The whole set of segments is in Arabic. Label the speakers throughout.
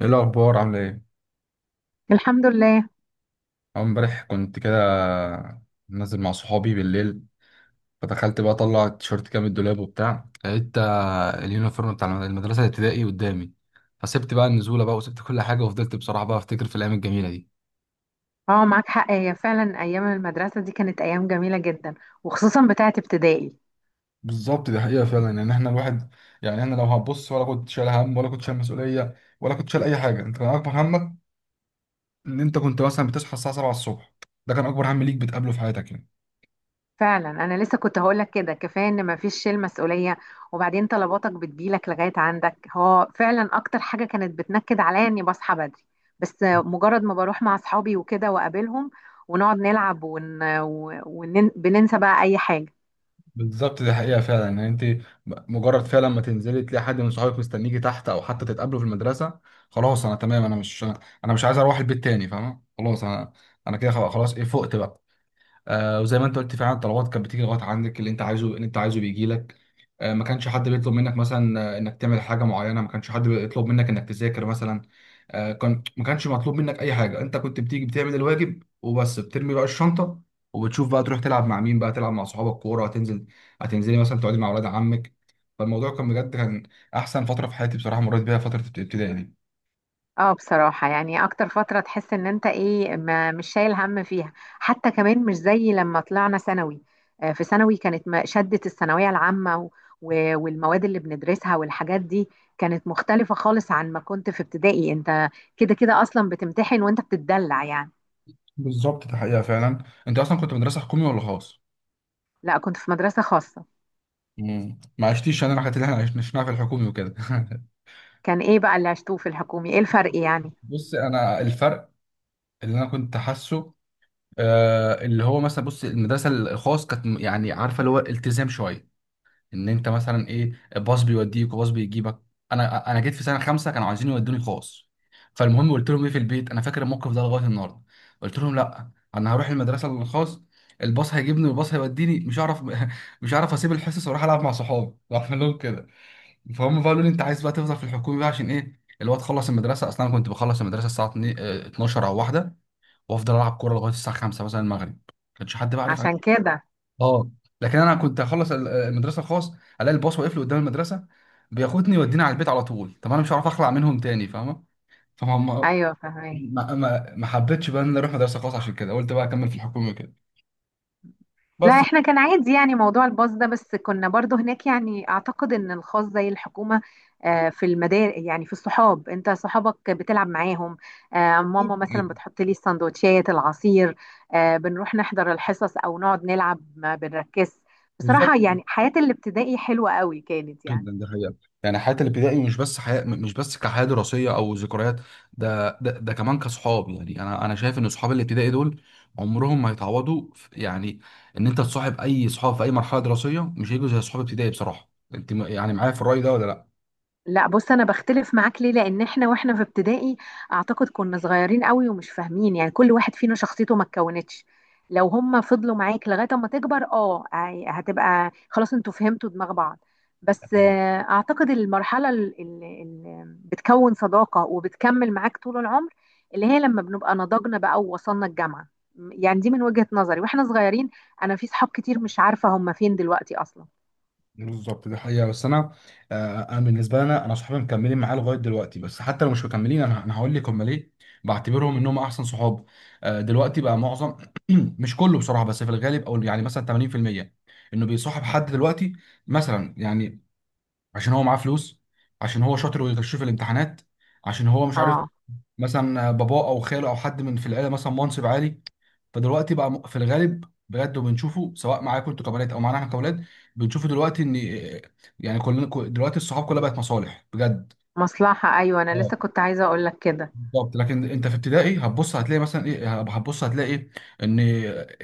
Speaker 1: ايه الاخبار؟ عامله ايه؟
Speaker 2: الحمد لله.
Speaker 1: أول امبارح كنت كده نازل مع صحابي بالليل، فدخلت بقى اطلع التيشيرت كده من الدولاب وبتاع، لقيت اليونيفورم بتاع المدرسه الابتدائي قدامي. فسبت بقى النزوله بقى وسبت كل حاجه، وفضلت بصراحه بقى افتكر في الايام الجميله دي.
Speaker 2: اه، معاك حق، هي فعلا ايام المدرسه دي كانت ايام جميله جدا، وخصوصا بتاعه ابتدائي.
Speaker 1: بالظبط، دي حقيقة فعلا. يعني احنا الواحد، يعني احنا لو هتبص، ولا كنت شايل هم، ولا كنت شايل مسؤولية، ولا كنت شايل أي حاجة. أنت كان أكبر همك إن أنت كنت مثلا بتصحى الساعة 7 الصبح. ده كان أكبر هم ليك بتقابله في حياتك يعني.
Speaker 2: فعلا انا لسه كنت هقولك كده، كفايه ان مفيش شيل مسؤوليه، وبعدين طلباتك بتجيلك لغايه عندك، هو فعلا اكتر حاجه كانت بتنكد عليا اني بصحى بدري، بس مجرد ما بروح مع اصحابي وكده واقابلهم ونقعد نلعب بننسى بقى اي حاجه.
Speaker 1: بالظبط، دي حقيقة فعلا. يعني انت مجرد فعلا ما تنزلي تلاقي حد من صحابك مستنيكي تحت، او حتى تتقابلوا في المدرسة، خلاص انا تمام. انا مش عايز اروح البيت تاني، فاهمة؟ خلاص انا، انا كده خلاص. ايه فقت بقى. آه، وزي ما انت قلت، فعلا الطلبات كانت بتيجي لغايه عندك، اللي انت عايزه اللي انت عايزه بيجي لك. آه، ما كانش حد بيطلب منك مثلا انك تعمل حاجه معينه، ما كانش حد بيطلب منك انك تذاكر مثلا. آه، ما كانش مطلوب منك اي حاجه، انت كنت بتيجي بتعمل الواجب وبس، بترمي بقى الشنطه وبتشوف بقى تروح تلعب مع مين، بقى تلعب مع صحابك كوره. هتنزل، هتنزلي مثلا تقعدي مع اولاد عمك. فالموضوع كان بجد كان احسن فتره في حياتي بصراحه مريت بيها، فتره الابتدائي دي.
Speaker 2: اه بصراحة، يعني اكتر فترة تحس ان انت ايه، ما مش شايل هم فيها، حتى كمان مش زي لما طلعنا ثانوي. في ثانوي كانت شدة الثانوية العامة و والمواد اللي بندرسها والحاجات دي كانت مختلفة خالص عن ما كنت في ابتدائي. انت كده كده اصلا بتمتحن وانت بتتدلع يعني.
Speaker 1: بالظبط، ده حقيقه فعلا. انت اصلا كنت مدرسه حكومي ولا خاص؟
Speaker 2: لا، كنت في مدرسة خاصة.
Speaker 1: ما عشتيش انا الحاجات اللي احنا عشناها في الحكومي وكده
Speaker 2: كان ايه بقى اللي عشتوه في الحكومي؟ ايه الفرق يعني؟
Speaker 1: بص، انا الفرق اللي انا كنت حاسه، آه، اللي هو مثلا، بص المدرسه الخاص كانت يعني عارفه اللي هو التزام شويه. ان انت مثلا ايه، باص بيوديك وباص بيجيبك. انا جيت في سنه خمسه كانوا عايزين يودوني خاص. فالمهم قلت لهم ايه في البيت، انا فاكر الموقف ده لغايه النهارده، قلت لهم لا انا هروح المدرسه الخاص، الباص هيجيبني والباص هيوديني، مش هعرف مش هعرف اسيب الحصص واروح العب مع صحابي رحت لهم كده، فهم بقى قالوا لي انت عايز بقى تفضل في الحكومي بقى عشان ايه؟ اللي هو تخلص المدرسه، اصلا أنا كنت بخلص المدرسه الساعه 2 12 او واحده، وافضل العب كوره لغايه الساعه 5 مثلا المغرب، ما كانش حد بقى عارف.
Speaker 2: عشان كده.
Speaker 1: اه. لكن انا كنت اخلص المدرسه الخاص الاقي الباص واقف لي قدام المدرسه بياخدني يوديني على البيت على طول. طب انا مش هعرف اخلع منهم تاني، فاهمه؟ فهم.
Speaker 2: ايوه، فهمت.
Speaker 1: ما حبيتش بقى ان أنا اروح مدرسه خاص، عشان كده قلت بقى اكمل في الحكومه كده
Speaker 2: لا،
Speaker 1: بس.
Speaker 2: احنا كان عادي يعني موضوع الباص ده، بس كنا برضو هناك. يعني اعتقد ان الخاص زي الحكومة. في المدارس، يعني في الصحاب، انت صحابك بتلعب معاهم، ماما مثلا
Speaker 1: ايوه.
Speaker 2: بتحط لي السندوتشات العصير، بنروح نحضر الحصص او نقعد نلعب ما بنركز.
Speaker 1: بالظبط.
Speaker 2: بصراحة يعني حياة الابتدائي حلوة قوي كانت يعني.
Speaker 1: جدا، ده حقيقة. يعني حياة الابتدائي مش بس حياة، مش بس كحياة دراسية أو ذكريات، ده كمان كصحاب. يعني أنا، أنا شايف إن صحاب الابتدائي دول عمرهم ما يتعوضوا يعني إن أنت تصاحب أي صحاب في أي مرحلة دراسية مش هيجوا زي صحاب ابتدائي بصراحة. أنت يعني معايا في الرأي ده ولا
Speaker 2: لا بص، انا بختلف معاك. ليه؟ لان احنا واحنا في ابتدائي اعتقد كنا صغيرين قوي ومش فاهمين، يعني كل واحد فينا شخصيته ما اتكونتش. لو هم فضلوا معاك لغايه اما تكبر، اه هتبقى خلاص انتوا فهمتوا دماغ بعض.
Speaker 1: لأ؟
Speaker 2: بس اعتقد المرحله اللي بتكون صداقه وبتكمل معاك طول العمر اللي هي لما بنبقى نضجنا بقى ووصلنا الجامعه. يعني دي من وجهه نظري، واحنا صغيرين انا في صحاب كتير مش عارفه هم فين دلوقتي اصلا.
Speaker 1: بالظبط، دي حقيقة. بس أنا، آه، أنا بالنسبة لي أنا صحابي مكملين معايا لغاية دلوقتي، بس حتى لو مش مكملين أنا هقول لك هم ليه بعتبرهم إنهم أحسن صحاب. آه، دلوقتي بقى معظم مش كله بصراحة، بس في الغالب أو يعني مثلا 80% إنه بيصاحب حد دلوقتي مثلا. يعني عشان هو معاه فلوس، عشان هو شاطر ويغش في الامتحانات، عشان هو مش عارف،
Speaker 2: اه.
Speaker 1: مثلا باباه أو خاله أو حد من في العيلة مثلا منصب عالي. فدلوقتي بقى في الغالب بجد، وبنشوفه سواء معاكم انتوا كبنات او معانا احنا كاولاد، بنشوفه دلوقتي ان، يعني كلنا، دلوقتي الصحاب كلها بقت مصالح بجد.
Speaker 2: مصلحه، ايوه انا
Speaker 1: اه.
Speaker 2: لسه كنت عايزه اقول لك كده.
Speaker 1: بالظبط. لكن انت في ابتدائي هتبص هتلاقي مثلا ايه، هتبص هتلاقي ايه، ان،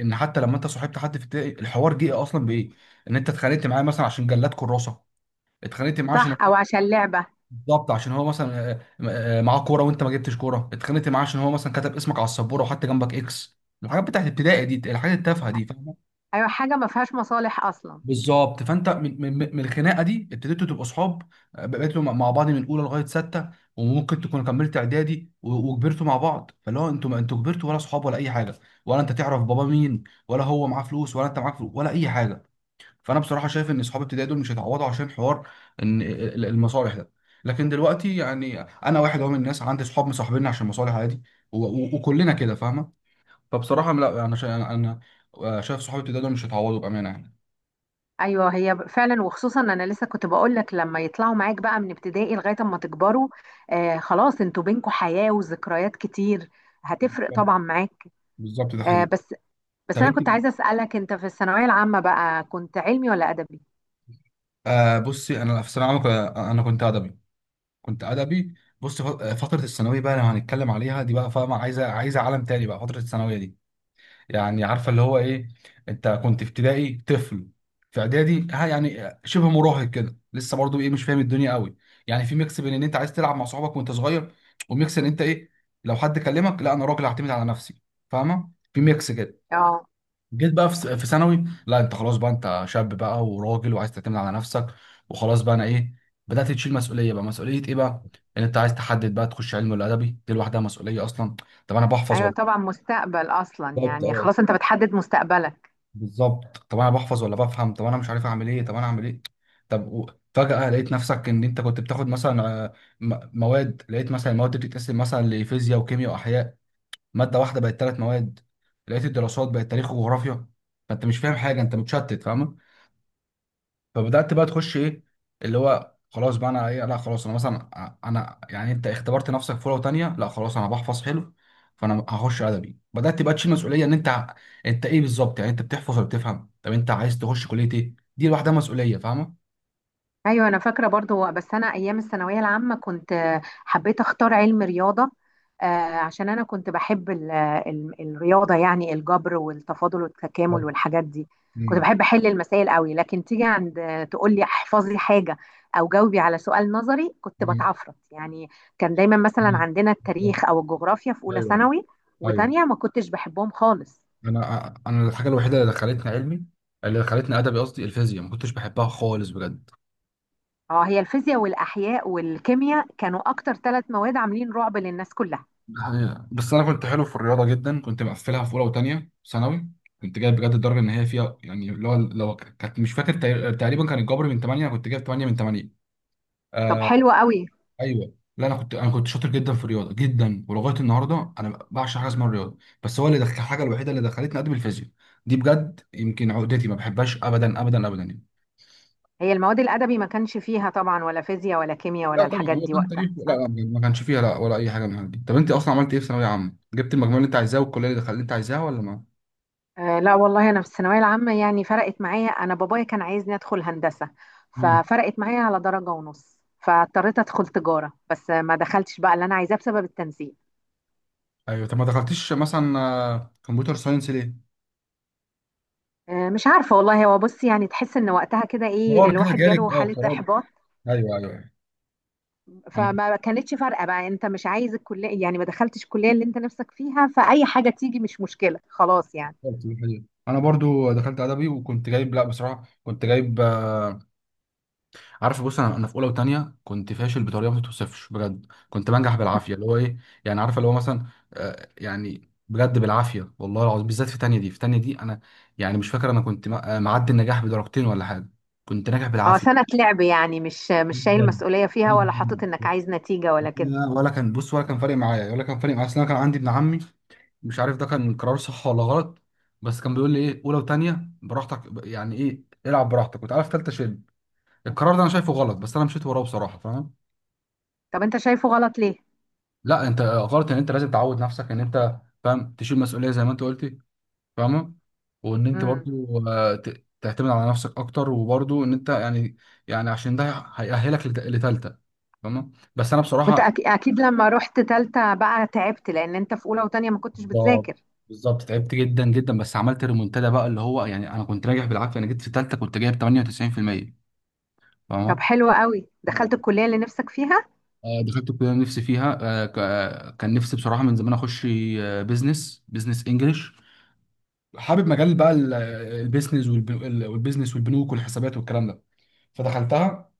Speaker 1: ان حتى لما انت صاحبت حد في ابتدائي، الحوار جه اصلا بايه؟ ان انت اتخانقت معاه مثلا عشان جلاد كراسه، اتخانقت معاه عشان
Speaker 2: صح،
Speaker 1: هو،
Speaker 2: او عشان لعبه.
Speaker 1: بالظبط، عشان هو مثلا معاه كوره وانت ما جبتش كوره، اتخانقت معاه عشان هو مثلا كتب اسمك على السبوره وحط جنبك اكس. الحاجات بتاعت ابتدائي دي، الحاجات التافهه دي.
Speaker 2: ايوه حاجه ما فيهاش مصالح اصلا.
Speaker 1: بالظبط. فانت من الخناقه دي ابتديتوا تبقوا اصحاب، بقيتوا مع بعض من اولى لغايه سته، وممكن تكونوا كملت اعدادي وكبرتوا مع بعض. فاللي هو انتوا، ما انتوا كبرتوا ولا اصحاب ولا اي حاجه، ولا انت تعرف بابا مين ولا هو معاه فلوس ولا انت معاك فلوس ولا اي حاجه. فانا بصراحه شايف ان اصحاب ابتدائي دول مش هيتعوضوا عشان حوار ان المصالح ده. لكن دلوقتي، يعني انا واحد اهو من الناس عندي اصحاب مصاحبيني عشان مصالح، عادي، و- و- وكلنا كده فاهمه. فبصراحه لا انا أنا شايف صحابي ابتدائي دول مش هيتعوضوا بامانه يعني.
Speaker 2: ايوه هي فعلا، وخصوصا انا لسه كنت بقول لك لما يطلعوا معاك بقى من ابتدائي لغايه اما تكبروا، آه خلاص انتوا بينكوا حياه وذكريات كتير، هتفرق طبعا معاك.
Speaker 1: بالظبط، ده
Speaker 2: آه
Speaker 1: حقيقي.
Speaker 2: بس، بس
Speaker 1: طب
Speaker 2: انا
Speaker 1: انت،
Speaker 2: كنت عايزه اسالك، انت في الثانويه العامه بقى كنت علمي ولا ادبي؟
Speaker 1: آه، بصي انا في ثانويه عامه انا كنت ادبي، كنت ادبي. بص، فتره الثانويه بقى لو هنتكلم عليها دي بقى، فاهمه؟ عايزه، عايزه عالم تاني بقى فتره الثانويه دي. يعني عارفه اللي هو ايه، انت كنت في ابتدائي طفل، في اعدادي ها يعني شبه مراهق كده، لسه برضو ايه، مش فاهم الدنيا قوي. يعني في ميكس بين ان انت عايز تلعب مع صحابك وانت صغير، وميكس ان انت ايه، لو حد كلمك لا انا راجل هعتمد على نفسي، فاهمه؟ في ميكس كده.
Speaker 2: اه.
Speaker 1: جيت بقى في في ثانوي، لا انت خلاص بقى، انت شاب بقى وراجل وعايز تعتمد على نفسك، وخلاص بقى انا ايه، بدأت تشيل مسؤوليه بقى. مسؤوليه ايه بقى؟ ان انت عايز تحدد بقى تخش علم ولا ادبي، دي لوحدها مسؤوليه اصلا، طب انا بحفظ
Speaker 2: ايوه
Speaker 1: ولا،
Speaker 2: طبعا، مستقبل اصلا
Speaker 1: بالظبط،
Speaker 2: يعني،
Speaker 1: اه،
Speaker 2: خلاص انت بتحدد مستقبلك.
Speaker 1: بالظبط. طب انا بحفظ ولا بفهم؟ طب انا مش عارف اعمل ايه، طب انا اعمل ايه؟ طب فجأة لقيت نفسك ان انت كنت بتاخد مثلا، مواد، لقيت مثلا المواد دي بتتقسم مثلا لفيزياء وكيمياء واحياء، ماده واحده بقت ثلاث مواد. لقيت الدراسات بقت تاريخ وجغرافيا، فانت مش فاهم حاجه، انت متشتت، فاهم؟ فبدات بقى تخش ايه، اللي هو خلاص بقى انا ايه، لا خلاص انا مثلا انا يعني انت اختبرت نفسك في لغه تانيه، لا خلاص انا بحفظ حلو فانا هخش ادبي. بدات بقى تشيل مسؤوليه ان انت انت ايه بالظبط، يعني انت بتحفظ ولا بتفهم؟ طب انت عايز تخش كليه ايه؟ دي لوحدها مسؤوليه، فاهمه؟
Speaker 2: ايوه انا فاكره برضو، بس انا ايام الثانويه العامه كنت، حبيت اختار علم رياضه، آه، عشان انا كنت بحب ال الرياضه يعني، الجبر والتفاضل
Speaker 1: ايوه.
Speaker 2: والتكامل والحاجات دي. كنت
Speaker 1: مم.
Speaker 2: بحب احل المسائل قوي، لكن تيجي عند، تقول لي احفظي حاجه او جاوبي على سؤال نظري، كنت
Speaker 1: مم.
Speaker 2: بتعفرت يعني. كان دايما مثلا
Speaker 1: مم.
Speaker 2: عندنا التاريخ او الجغرافيا في اولى
Speaker 1: ايوه،
Speaker 2: ثانوي
Speaker 1: ايوه.
Speaker 2: وتانية ما كنتش بحبهم خالص.
Speaker 1: انا، انا الحاجه الوحيده اللي دخلتني علمي، اللي دخلتني ادبي قصدي، الفيزياء، ما كنتش بحبها خالص بجد.
Speaker 2: اه، هي الفيزياء والاحياء والكيمياء كانوا اكتر 3 مواد عاملين رعب للناس كلها.
Speaker 1: ده حقيقة. بس انا كنت حلو في الرياضه جدا، كنت مقفلها في اولى وثانيه ثانوي. كنت جايب بجد الدرجه ان هي فيها، يعني اللي هو لو كانت، مش فاكر تقريبا كان الجبر من 8 كنت جايب 8 من 8.
Speaker 2: طب
Speaker 1: آه.
Speaker 2: حلو قوي.
Speaker 1: ايوه، لا انا كنت شاطر جدا في الرياضه جدا، ولغايه النهارده انا بعشق حاجه اسمها الرياضه. بس هو اللي دخل، الحاجه الوحيده اللي دخلتني ادب الفيزياء دي بجد، يمكن عقدتي، ما بحبهاش ابدا ابدا ابدا يعني.
Speaker 2: هي المواد الأدبي ما كانش فيها طبعا ولا فيزياء ولا كيمياء
Speaker 1: لا
Speaker 2: ولا
Speaker 1: طبعا،
Speaker 2: الحاجات
Speaker 1: هو
Speaker 2: دي
Speaker 1: كان
Speaker 2: وقتها،
Speaker 1: تاريخ، لا
Speaker 2: صح؟
Speaker 1: لا ما كانش فيها لا ولا اي حاجه من الحاجات دي. طب انت اصلا عملت ايه في ثانويه عامه؟ جبت المجموع اللي انت عايزاه والكليه اللي دخلت اللي انت عايزاها ولا
Speaker 2: آه لا والله، أنا في الثانوية العامة يعني فرقت معايا، أنا بابايا كان عايزني أدخل هندسة،
Speaker 1: ما،
Speaker 2: ففرقت معايا على درجة ونص، فاضطريت أدخل تجارة، بس ما دخلتش بقى اللي أنا عايزاه بسبب التنسيق.
Speaker 1: ايوه. طب ما دخلتيش مثلا كمبيوتر ساينس ليه؟
Speaker 2: آه مش عارفة والله، هو بص يعني تحس إن وقتها كده إيه،
Speaker 1: قرار كده
Speaker 2: الواحد
Speaker 1: جالك،
Speaker 2: جاله
Speaker 1: اه
Speaker 2: حالة
Speaker 1: قرار.
Speaker 2: إحباط،
Speaker 1: ايوه، ايوه، أيوة. انا
Speaker 2: فما كانتش فارقة بقى، أنت مش عايز الكلية يعني، ما دخلتش الكلية اللي أنت نفسك فيها، فأي حاجة تيجي مش مشكلة خلاص يعني.
Speaker 1: فكرت في الحاجة دي. انا برضو دخلت ادبي وكنت جايب، لا بصراحه كنت جايب، آه، عارف بص انا في اولى وثانيه كنت فاشل بطريقه ما تتوصفش بجد، كنت بنجح بالعافيه، اللي هو ايه، يعني عارف اللي هو مثلا، آه، يعني بجد بالعافيه والله العظيم، بالذات في ثانيه دي، في ثانيه دي انا يعني مش فاكر انا كنت معدي النجاح بدرجتين ولا حاجه، كنت ناجح
Speaker 2: اه سنة
Speaker 1: بالعافيه.
Speaker 2: لعب يعني، مش مش شايل
Speaker 1: جدا،
Speaker 2: مسؤولية فيها ولا حاطط انك
Speaker 1: جدا.
Speaker 2: عايز نتيجة ولا كده.
Speaker 1: لا، ولا كان بص ولا كان فارق معايا، ولا كان فارق معايا، اصل انا كان عندي ابن عمي، مش عارف ده كان قرار صح ولا غلط، بس كان بيقول لي ايه، اولى وثانيه براحتك، يعني ايه، العب براحتك وتعالى في ثالثه شيل. القرار ده انا شايفه غلط، بس انا مشيت وراه بصراحه، فاهم؟
Speaker 2: طب انت شايفه غلط ليه؟
Speaker 1: لا انت غلط، ان انت لازم تعود نفسك ان انت، فاهم، تشيل مسؤوليه زي ما انت قلتي، فاهمه؟ وان انت
Speaker 2: امم.
Speaker 1: برضو تعتمد على نفسك اكتر، وبرضو ان انت يعني، يعني عشان ده هيأهلك لثالثه، فاهمه؟ بس انا
Speaker 2: وانت
Speaker 1: بصراحه،
Speaker 2: اكيد لما رحت تالتة بقى تعبت، لان انت في اولى وتانية ما كنتش
Speaker 1: بالظبط،
Speaker 2: بتذاكر.
Speaker 1: بالظبط تعبت جدا جدا، بس عملت ريمونتادا بقى، اللي هو يعني انا كنت راجع بالعافيه، انا جيت في ثالثه كنت جايب 98%،
Speaker 2: طب
Speaker 1: فاهمه؟
Speaker 2: حلو قوي، دخلت الكلية اللي نفسك فيها.
Speaker 1: آه، دخلت الكليه اللي نفسي فيها. آه، كان نفسي بصراحه من زمان اخش، آه، بيزنس، بيزنس انجلش. حابب مجال بقى البيزنس والبيزنس والبنوك والحسابات والكلام ده، فدخلتها،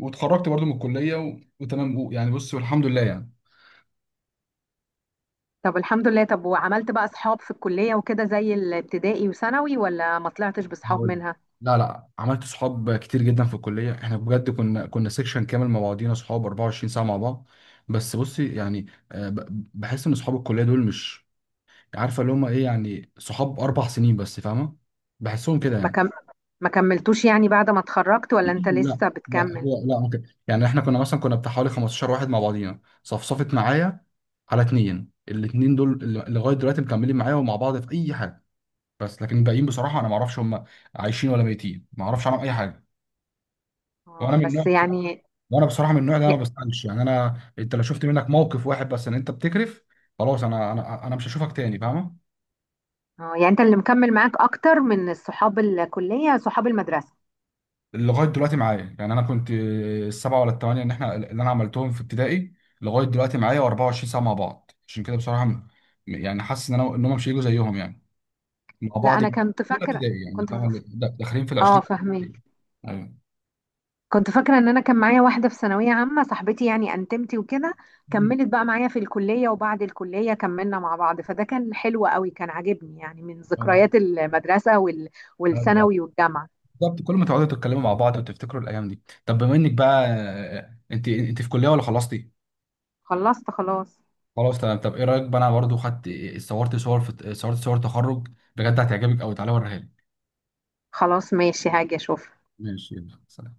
Speaker 1: واتخرجت برضو من الكليه وتمام يعني، بص والحمد لله يعني.
Speaker 2: طب الحمد لله. طب وعملت بقى اصحاب في الكلية وكده زي الابتدائي وثانوي ولا ما طلعتش باصحاب
Speaker 1: هقول،
Speaker 2: منها؟
Speaker 1: لا لا، عملت صحاب كتير جدا في الكليه، احنا بجد كنا سيكشن كامل مع بعضينا صحاب 24 ساعه مع بعض، بس بصي يعني، بحس ان صحاب الكليه دول مش، عارفه اللي هم ايه، يعني صحاب اربع سنين بس، فاهمه؟ بحسهم كده
Speaker 2: ما
Speaker 1: يعني.
Speaker 2: كم... ما كملتوش يعني بعد ما اتخرجت ولا انت
Speaker 1: لا
Speaker 2: لسه
Speaker 1: لا،
Speaker 2: بتكمل؟
Speaker 1: هو لا ممكن يعني احنا كنا مثلا، كنا بتاع حوالي 15 واحد مع بعضينا، صفصفت معايا على اتنين، الاتنين دول اللي لغايه دلوقتي مكملين معايا ومع بعض في اي حاجه، بس لكن الباقيين بصراحه انا ما اعرفش هم عايشين ولا ميتين، ما اعرفش عنهم اي حاجه. وانا
Speaker 2: اه
Speaker 1: من النوع
Speaker 2: بس
Speaker 1: بصراحه
Speaker 2: يعني.
Speaker 1: وانا بصراحه من النوع ده، انا
Speaker 2: ي-
Speaker 1: ما بسالش يعني، انا انت لو شفت منك موقف واحد بس ان انت بتكرف، خلاص انا مش هشوفك تاني، فاهمه؟
Speaker 2: اه يعني انت اللي مكمل معاك اكتر من صحاب الكلية صحاب المدرسة.
Speaker 1: لغايه دلوقتي معايا يعني، انا كنت السبعه ولا الثمانيه ان احنا اللي انا عملتهم في ابتدائي لغايه دلوقتي معايا و24 ساعه مع بعض، عشان كده بصراحه يعني حاسس ان انا ان هم مش هيجوا زيهم يعني، مع
Speaker 2: لا
Speaker 1: بعض من
Speaker 2: انا كنت
Speaker 1: اولى
Speaker 2: فاكره.
Speaker 1: ابتدائي يعني،
Speaker 2: كنت
Speaker 1: فاهمه؟
Speaker 2: ف...
Speaker 1: داخلين في ال
Speaker 2: اه
Speaker 1: 20.
Speaker 2: فاهمك.
Speaker 1: ايوه.
Speaker 2: كنت فاكره ان انا كان معايا واحده في ثانويه عامه صاحبتي يعني انتمتي وكده،
Speaker 1: مم.
Speaker 2: كملت بقى معايا في الكليه، وبعد الكليه كملنا مع بعض، فده كان حلو قوي، كان عاجبني يعني من ذكريات المدرسه
Speaker 1: أيوة.
Speaker 2: والثانوي والجامعه.
Speaker 1: بالظبط. كل ما تقعدوا تتكلموا مع بعض وتفتكروا الايام دي. طب بما انك بقى، انت انت في كليه ولا خلصتي؟
Speaker 2: خلصت خلاص.
Speaker 1: خلاص تمام. طب ايه رايك بقى، انا برضو خدت، صورت صور في، صورت صور تخرج بجد هتعجبك قوي، تعالى اوريها لك.
Speaker 2: خلاص ماشي، هاجي اشوف.
Speaker 1: ماشي يلا سلام.